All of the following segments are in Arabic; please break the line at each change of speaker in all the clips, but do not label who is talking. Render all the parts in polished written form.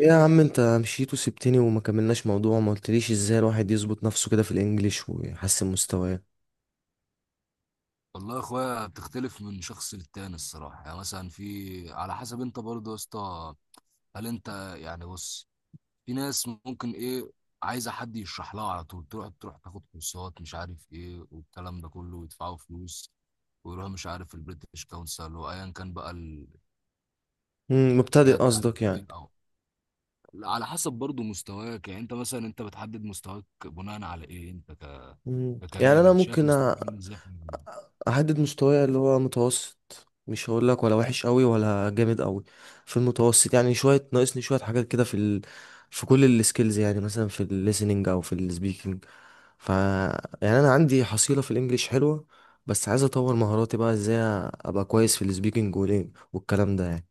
ايه يا عم، انت مشيت وسبتني وما كملناش موضوع. ما قلتليش ازاي الواحد يظبط نفسه كده في الانجليش ويحسن مستواه؟
والله يا اخويا بتختلف من شخص للتاني الصراحه. يعني مثلا في، على حسب انت برضه يا اسطى، هل انت يعني بص، في ناس ممكن ايه، عايزه حد يشرح لها على طول، تروح تاخد كورسات مش عارف ايه والكلام ده كله، ويدفعوا فلوس ويروحوا مش عارف البريتش كونسل وايا كان بقى الجهه
مبتدئ قصدك
التعليميه.
يعني؟
او على حسب برضه مستواك، يعني انت مثلا انت بتحدد مستواك بناء على ايه؟ انت
يعني
ككريم
انا
انت شايف
ممكن
مستواك
أ-
عامل ازاي في المجال؟
احدد مستواي اللي هو متوسط. مش هقول لك ولا وحش قوي ولا جامد قوي، في المتوسط. يعني شويه ناقصني شويه حاجات كده في في كل السكيلز، يعني مثلا في الليسننج او في السبيكنج. ف يعني انا عندي حصيله في الانجليش حلوه، بس عايز اطور مهاراتي بقى. ازاي ابقى كويس في السبيكنج والكلام ده يعني؟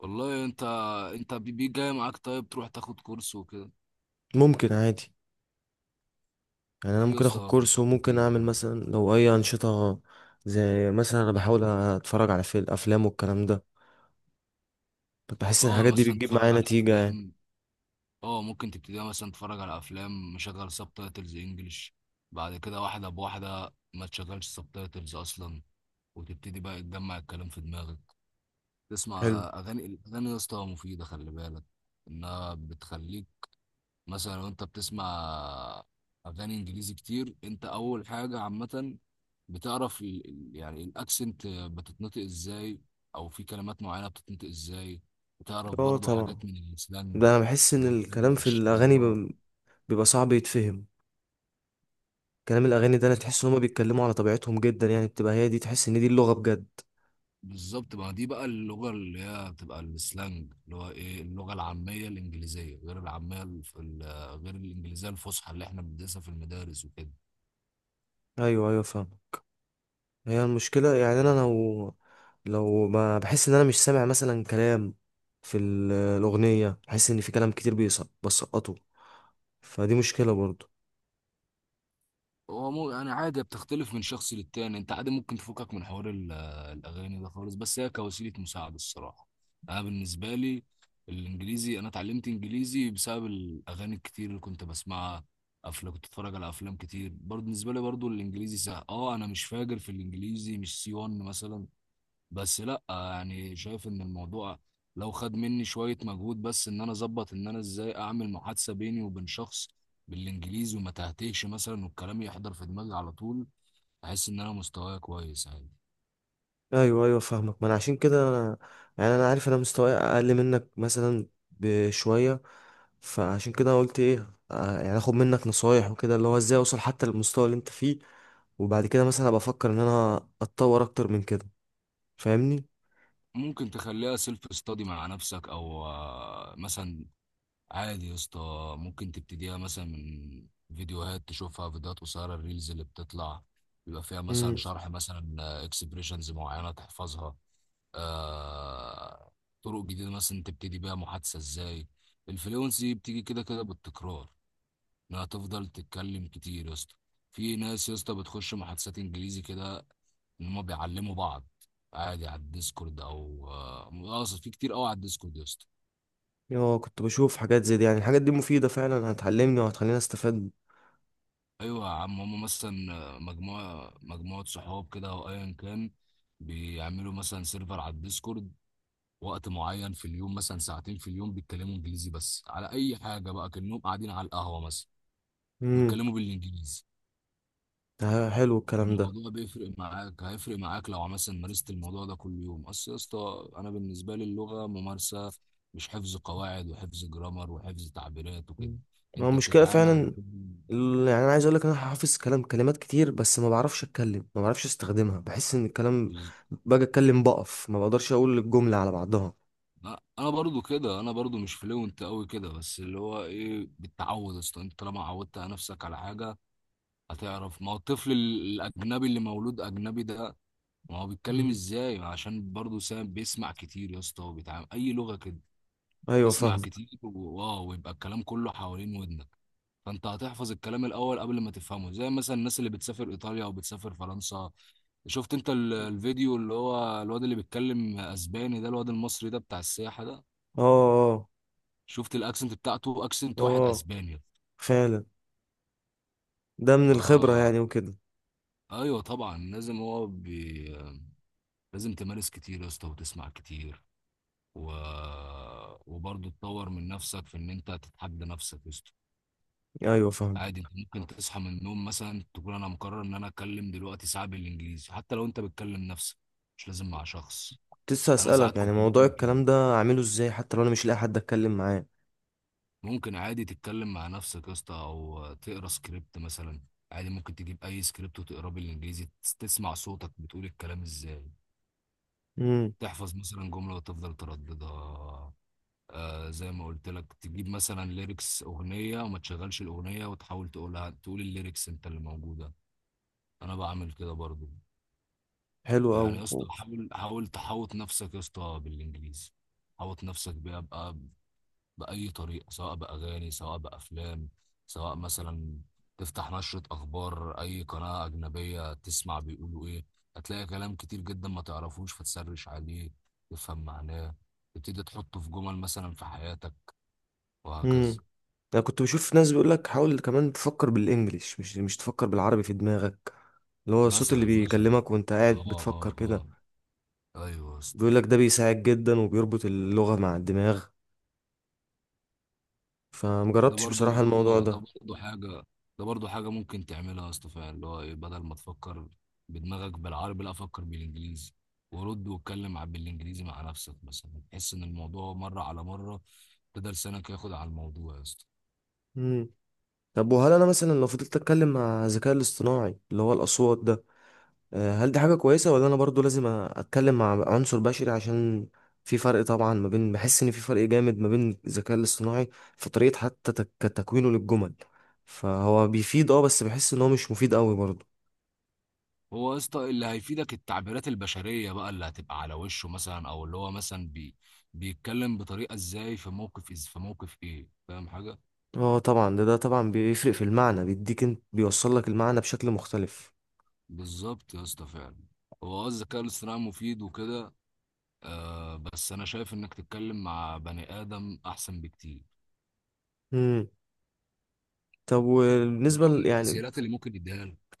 والله انت انت جاي معاك طيب تروح تاخد كورس وكده.
ممكن عادي. يعني انا
في يا
ممكن اخد
اسطى
كورس
كورسات
وممكن
كتير
اعمل
اه.
مثلا لو اي انشطه، زي مثلا انا بحاول اتفرج على فيلم افلام والكلام ده. بحس ان
اه
الحاجات دي
مثلا
بتجيب
تتفرج
معايا
على
نتيجه يعني.
افلام، اه ممكن تبتدي مثلا تتفرج على افلام مشغل سب تايتلز انجلش، بعد كده واحده بواحده ما تشغلش سب تايتلز اصلا، وتبتدي بقى تجمع الكلام في دماغك، تسمع
حلو.
اغاني. الاغاني يا اسطى مفيده، خلي بالك انها بتخليك، مثلا لو انت بتسمع اغاني انجليزي كتير، انت اول حاجه عامه بتعرف يعني الاكسنت بتتنطق ازاي، او في كلمات معينه بتتنطق ازاي، بتعرف
اه
برضو
طبعا،
حاجات من
ده
السلانج،
انا بحس
اللي
ان
هو
الكلام في
اللي
الاغاني
هو
بيبقى صعب يتفهم. كلام الاغاني ده انا
الصح.
تحس ان هما بيتكلموا على طبيعتهم جدا، يعني بتبقى هي دي، تحس ان دي اللغه بجد.
بالظبط، ما دي بقى اللغه اللي هي بتبقى السلانج، اللي هو ايه، اللغه العاميه الانجليزيه، غير العاميه غير الانجليزيه الفصحى اللي احنا بندرسها في المدارس وكده.
ايوه ايوه فاهم. هي المشكله، يعني انا لو ما بحس ان انا مش سامع مثلا كلام في الاغنيه، بحس ان في كلام كتير بيسقط بسقطه، فدي مشكلة برضو.
هو مو يعني عادي، بتختلف من شخص للتاني. انت عادي ممكن تفكك من حوار الاغاني ده خالص، بس هي كوسيله مساعده الصراحه. انا بالنسبه لي الانجليزي، انا اتعلمت انجليزي بسبب الاغاني الكتير اللي كنت بسمعها. افلام كنت اتفرج على افلام كتير برضه. بالنسبه لي برضه الانجليزي سهل، اه انا مش فاجر في الانجليزي، مش سي 1 مثلا، بس لا يعني شايف ان الموضوع لو خد مني شوية مجهود بس، ان انا اظبط ان انا ازاي اعمل محادثة بيني وبين شخص بالانجليزي وما تهتهش مثلا، والكلام يحضر في دماغي على طول، احس ان انا مستواي كويس عادي.
ايوه ايوه فاهمك. ما انا عشان كده انا، يعني انا عارف انا مستواي اقل منك مثلا بشوية. فعشان كده قلت ايه، يعني اخد منك نصايح وكده، اللي هو ازاي اوصل حتى للمستوى اللي انت فيه. وبعد كده مثلا ابقى افكر ان انا اتطور اكتر من كده، فاهمني؟
ممكن تخليها سيلف ستادي مع نفسك او مثلا عادي يا اسطى، ممكن تبتديها مثلا من فيديوهات تشوفها، فيديوهات قصيرة، الريلز اللي بتطلع بيبقى فيها مثلا
امم.
شرح مثلا اكسبريشنز معينة تحفظها، آه طرق جديده مثلا تبتدي بيها محادثه ازاي. الفلونسي بتيجي كده كده بالتكرار، انها تفضل تتكلم كتير يا اسطى. في ناس يا اسطى بتخش محادثات انجليزي كده، ان هم بيعلموا بعض عادي على الديسكورد او اقصد في كتير قوي على الديسكورد يا اسطى.
اه كنت بشوف حاجات زي دي، يعني الحاجات دي مفيدة فعلا، هتعلمني وهتخليني استفاد.
ايوه يا عم، هم مثلا مجموعه مجموعه صحاب كده او ايا كان بيعملوا مثلا سيرفر على الديسكورد، وقت معين في اليوم مثلا ساعتين في اليوم بيتكلموا انجليزي بس، على اي حاجه بقى، كانهم قاعدين على القهوه مثلا
امم.
ويتكلموا بالانجليزي.
حلو الكلام ده.
الموضوع بيفرق معاك، هيفرق معاك لو مثلا مارست الموضوع ده كل يوم. اصل يا اسطى انا بالنسبه لي اللغه ممارسه، مش حفظ قواعد وحفظ جرامر وحفظ تعبيرات وكده.
مم. ما هو
انت
المشكلة
بتتعامل مع
فعلا، يعني انا عايز اقول لك انا حافظ كلام كلمات كتير، بس ما بعرفش اتكلم، ما بعرفش استخدمها. بحس ان الكلام،
بز-
باجي اتكلم بقف، ما بقدرش اقول الجملة على بعضها.
لا، انا برضو كده، انا برضو مش فلوينت قوي كده، بس اللي هو ايه، بالتعود يا اسطى. انت طالما عودت نفسك على حاجه هتعرف. ما هو الطفل الأجنبي اللي مولود أجنبي ده، ما هو بيتكلم
مم.
إزاي؟ عشان برضه سام بيسمع كتير يا اسطى، وبيتعامل أي لغة كده،
ايوه
تسمع
فاهم.
كتير واو، ويبقى الكلام كله حوالين ودنك. فأنت هتحفظ الكلام الأول قبل ما تفهمه، زي مثلا الناس اللي بتسافر إيطاليا أو بتسافر فرنسا. شفت أنت الفيديو اللي هو الواد اللي بيتكلم أسباني ده، الواد المصري ده بتاع السياحة ده؟
اه
شفت الأكسنت بتاعته؟
اه
أكسنت واحد
اه
أسباني.
فعلا، ده من الخبرة
ف
يعني وكده.
ايوه طبعا لازم، لازم تمارس كتير يا اسطى وتسمع كتير و... وبرضه تطور من نفسك في ان انت تتحدى نفسك يا اسطى.
ايوه فاهم.
عادي انت ممكن تصحى من النوم مثلا تقول انا مقرر ان انا اتكلم دلوقتي ساعه بالانجليزي، حتى لو انت بتكلم نفسك، مش لازم مع شخص.
كنت لسه
انا
اسالك
ساعات
يعني
كنت
موضوع
بعمل كده.
الكلام ده اعمله ازاي حتى لو انا مش لاقي حد اتكلم معاه.
ممكن عادي تتكلم مع نفسك يا اسطى، او تقرا سكريبت مثلا. عادي ممكن تجيب اي سكريبت وتقراه بالانجليزي، تسمع صوتك بتقول الكلام ازاي.
امم.
تحفظ مثلا جمله وتفضل ترددها. آه زي ما قلت لك، تجيب مثلا ليركس اغنيه، وما تشغلش الاغنيه وتحاول تقولها، تقول الليركس انت اللي موجوده. انا بعمل كده برضو.
حلو قوي.
يعني يا اسطى، حاول تحوط نفسك يا اسطى بالانجليزي، حوط نفسك بيها بقى باي طريقه، سواء باغاني، سواء بافلام، سواء مثلا تفتح نشره اخبار اي قناه اجنبيه تسمع بيقولوا ايه. هتلاقي كلام كتير جدا ما تعرفوش، فتسرش عليه، تفهم معناه، تبتدي تحطه في جمل مثلا في حياتك،
امم.
وهكذا.
انا كنت بشوف ناس بيقول لك حاول كمان تفكر بالانجليش، مش تفكر بالعربي في دماغك، اللي هو الصوت
مثلا
اللي
مثلا
بيكلمك وانت قاعد
اه
بتفكر كده.
اه اه ايوه يا اسطى،
بيقول لك ده بيساعد جدا وبيربط اللغة مع الدماغ،
ده
فمجربتش
برضو،
بصراحة الموضوع
اه ده
ده.
برضو حاجه، ده برضو حاجه ممكن تعملها يا اسطى فعلا، اللي هو ايه، بدل ما تفكر بدماغك بالعربي، لا فكر بالانجليزي، ورد واتكلم بالانجليزي مع نفسك مثلا، تحس ان الموضوع مره على مره تقدر لسانك ياخد على الموضوع يا اسطى.
مم. طب، وهل انا مثلا لو فضلت اتكلم مع الذكاء الاصطناعي اللي هو الاصوات ده، هل دي حاجة كويسة ولا انا برضو لازم اتكلم مع عنصر بشري؟ عشان في فرق طبعا ما بين، بحس ان في فرق جامد ما بين الذكاء الاصطناعي في طريقة حتى تكوينه للجمل. فهو بيفيد اه، بس بحس ان هو مش مفيد قوي برضو.
هو يا اسطى اللي هيفيدك التعبيرات البشريه بقى، اللي هتبقى على وشه مثلا، او اللي هو مثلا بيتكلم بطريقه ازاي في موقف، في موقف ايه، فاهم حاجه؟
اه طبعا، ده طبعا بيفرق في المعنى، بيديك انت، بيوصل لك المعنى بشكل مختلف.
بالظبط يا اسطى فعلا. هو اه الذكاء الاصطناعي مفيد وكده، آه بس انا شايف انك تتكلم مع بني ادم احسن بكتير
طب وبالنسبة
برغم
يعني
التسهيلات اللي ممكن يديها لك.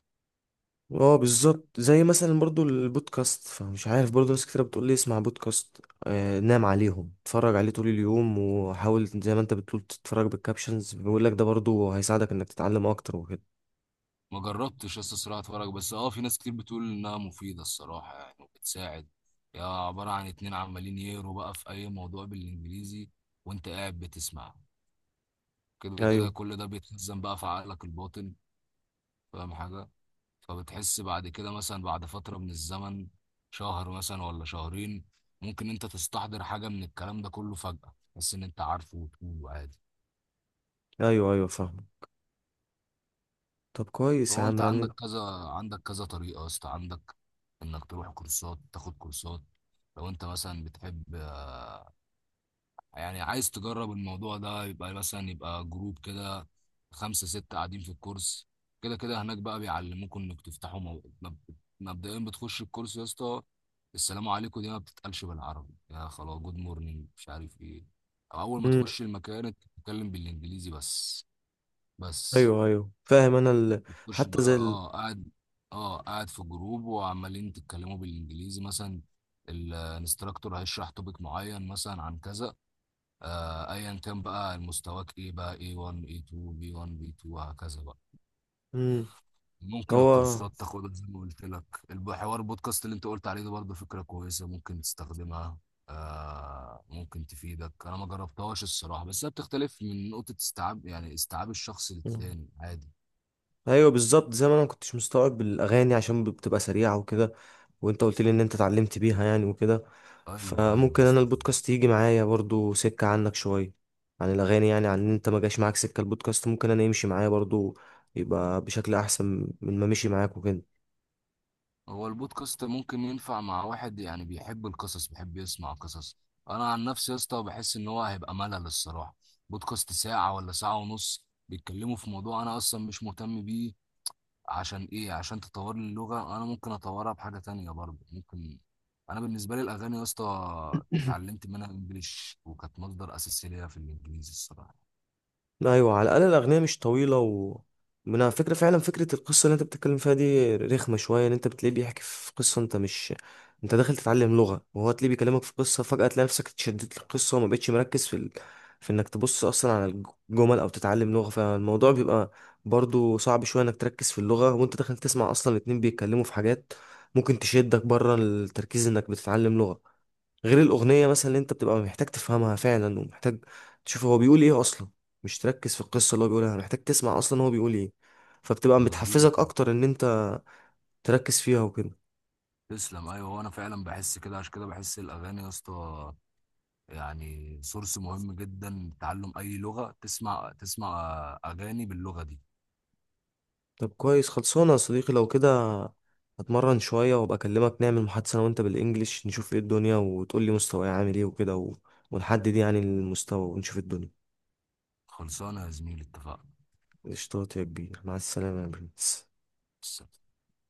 اه بالظبط، زي مثلا برضو البودكاست، فمش عارف برضو. ناس كتير بتقول لي اسمع بودكاست، نام عليهم، اتفرج عليه طول اليوم، وحاول زي ما انت بتقول تتفرج بالكابشنز. بيقول لك ده برضو هيساعدك انك تتعلم اكتر وكده.
ما جربتش يا اسطى صراحه اتفرج، بس اه في ناس كتير بتقول انها مفيده الصراحه يعني، وبتساعد. يا عباره عن اتنين عمالين يقروا بقى في اي موضوع بالانجليزي وانت قاعد بتسمعه، كده كده
ايوه
كل ده بيتخزن بقى في عقلك الباطن، فاهم حاجه؟ فبتحس بعد كده مثلا بعد فترة من الزمن، شهر مثلا ولا شهرين، ممكن انت تستحضر حاجة من الكلام ده كله فجأة، بس ان انت عارفه وتقوله عادي.
ايوه ايوه فاهم. طب كويس يا
فهو
عم
انت
يعني.
عندك كذا، عندك كذا طريقة يا اسطى. عندك انك تروح كورسات، تاخد كورسات. لو انت مثلا بتحب يعني عايز تجرب الموضوع ده، يبقى مثلا يبقى جروب كده، خمسة ستة قاعدين في الكورس، كده كده هناك بقى بيعلموكم انك تفتحوا مبدئيا بتخش الكورس يا اسطى، السلام عليكم دي ما بتتقالش بالعربي، يا خلاص جود مورنينج مش عارف ايه، او اول ما
مم.
تخش المكان انت بتتكلم بالانجليزي بس. بس
ايوه ايوه فاهم انا
بتخش
حتى
بقى
زي
اه قاعد، اه قاعد في جروب وعمالين تتكلموا بالانجليزي مثلا، الانستراكتور هيشرح توبيك معين مثلا عن كذا، آه، ايا كان بقى مستواك ايه بقى، A1 A2 B1 B2 وهكذا بقى.
مم.
ممكن
هو
الكورسات تاخدها زي ما قلت لك. الحوار البودكاست اللي انت قلت عليه ده برضه فكرة كويسة ممكن تستخدمها، آه ممكن تفيدك، انا ما جربتهاش الصراحة، بس هي بتختلف من نقطة استيعاب، يعني استيعاب الشخص للتاني عادي.
ايوه بالظبط. زي ما انا ما كنتش مستوعب الاغاني عشان بتبقى سريعه وكده، وانت قلت لي ان انت اتعلمت بيها يعني وكده.
ايوه ايوه
فممكن انا
استفيد.
البودكاست يجي معايا برضو سكه عنك شويه، عن الاغاني يعني. عن ان انت ما جاش معاك سكه البودكاست، ممكن انا يمشي معايا برضو، يبقى بشكل احسن من ما مشي معاك وكده.
هو البودكاست ممكن ينفع مع واحد يعني بيحب القصص، بيحب يسمع قصص. انا عن نفسي يا اسطى بحس ان هو هيبقى ملل الصراحه، بودكاست ساعه ولا ساعه ونص بيتكلموا في موضوع انا اصلا مش مهتم بيه، عشان ايه؟ عشان تطور لي اللغه، انا ممكن اطورها بحاجه تانية برضه ممكن. انا بالنسبه لي الاغاني يا اسطى اتعلمت منها انجليش، وكانت مصدر اساسي ليا في الانجليزي الصراحه.
ايوه على الاقل الاغنيه مش طويله. و من على فكره، فعلا فكره القصه اللي انت بتتكلم فيها دي رخمه شويه، ان انت بتلاقيه بيحكي في قصه، انت مش، انت داخل تتعلم لغه وهو تلاقيه بيكلمك في قصه. فجاه تلاقي نفسك اتشدت للقصه وما بقتش مركز في في انك تبص اصلا على الجمل او تتعلم لغه. فالموضوع بيبقى برضو صعب شويه انك تركز في اللغه، وانت داخل تسمع اصلا الاتنين بيتكلموا في حاجات ممكن تشدك بره التركيز انك بتتعلم لغه. غير الأغنية مثلا اللي أنت بتبقى محتاج تفهمها فعلا، ومحتاج تشوف هو بيقول إيه أصلا، مش تركز في القصة اللي هو بيقولها، محتاج تسمع أصلا هو بيقول إيه. فبتبقى
مظبوط.
بتحفزك أكتر إن أنت تركز فيها وكده.
تسلم. ايوه وانا فعلا بحس كده، عشان كده بحس الاغاني يا اسطى يعني سورس مهم جدا، تعلم أي لغة تسمع، تسمع أغاني باللغة دي.
طب كويس، خلصانة يا صديقي لو كده. هتمرن شوية وأبقى أكلمك، نعمل محادثة أنا وأنت بالإنجليش، نشوف إيه الدنيا وتقول لي مستواي عامل إيه وكده ونحدد يعني المستوى ونشوف الدنيا.
خلصانة يا زميلي، اتفقنا.
قشطات يا كبير، مع السلامة يا برنس.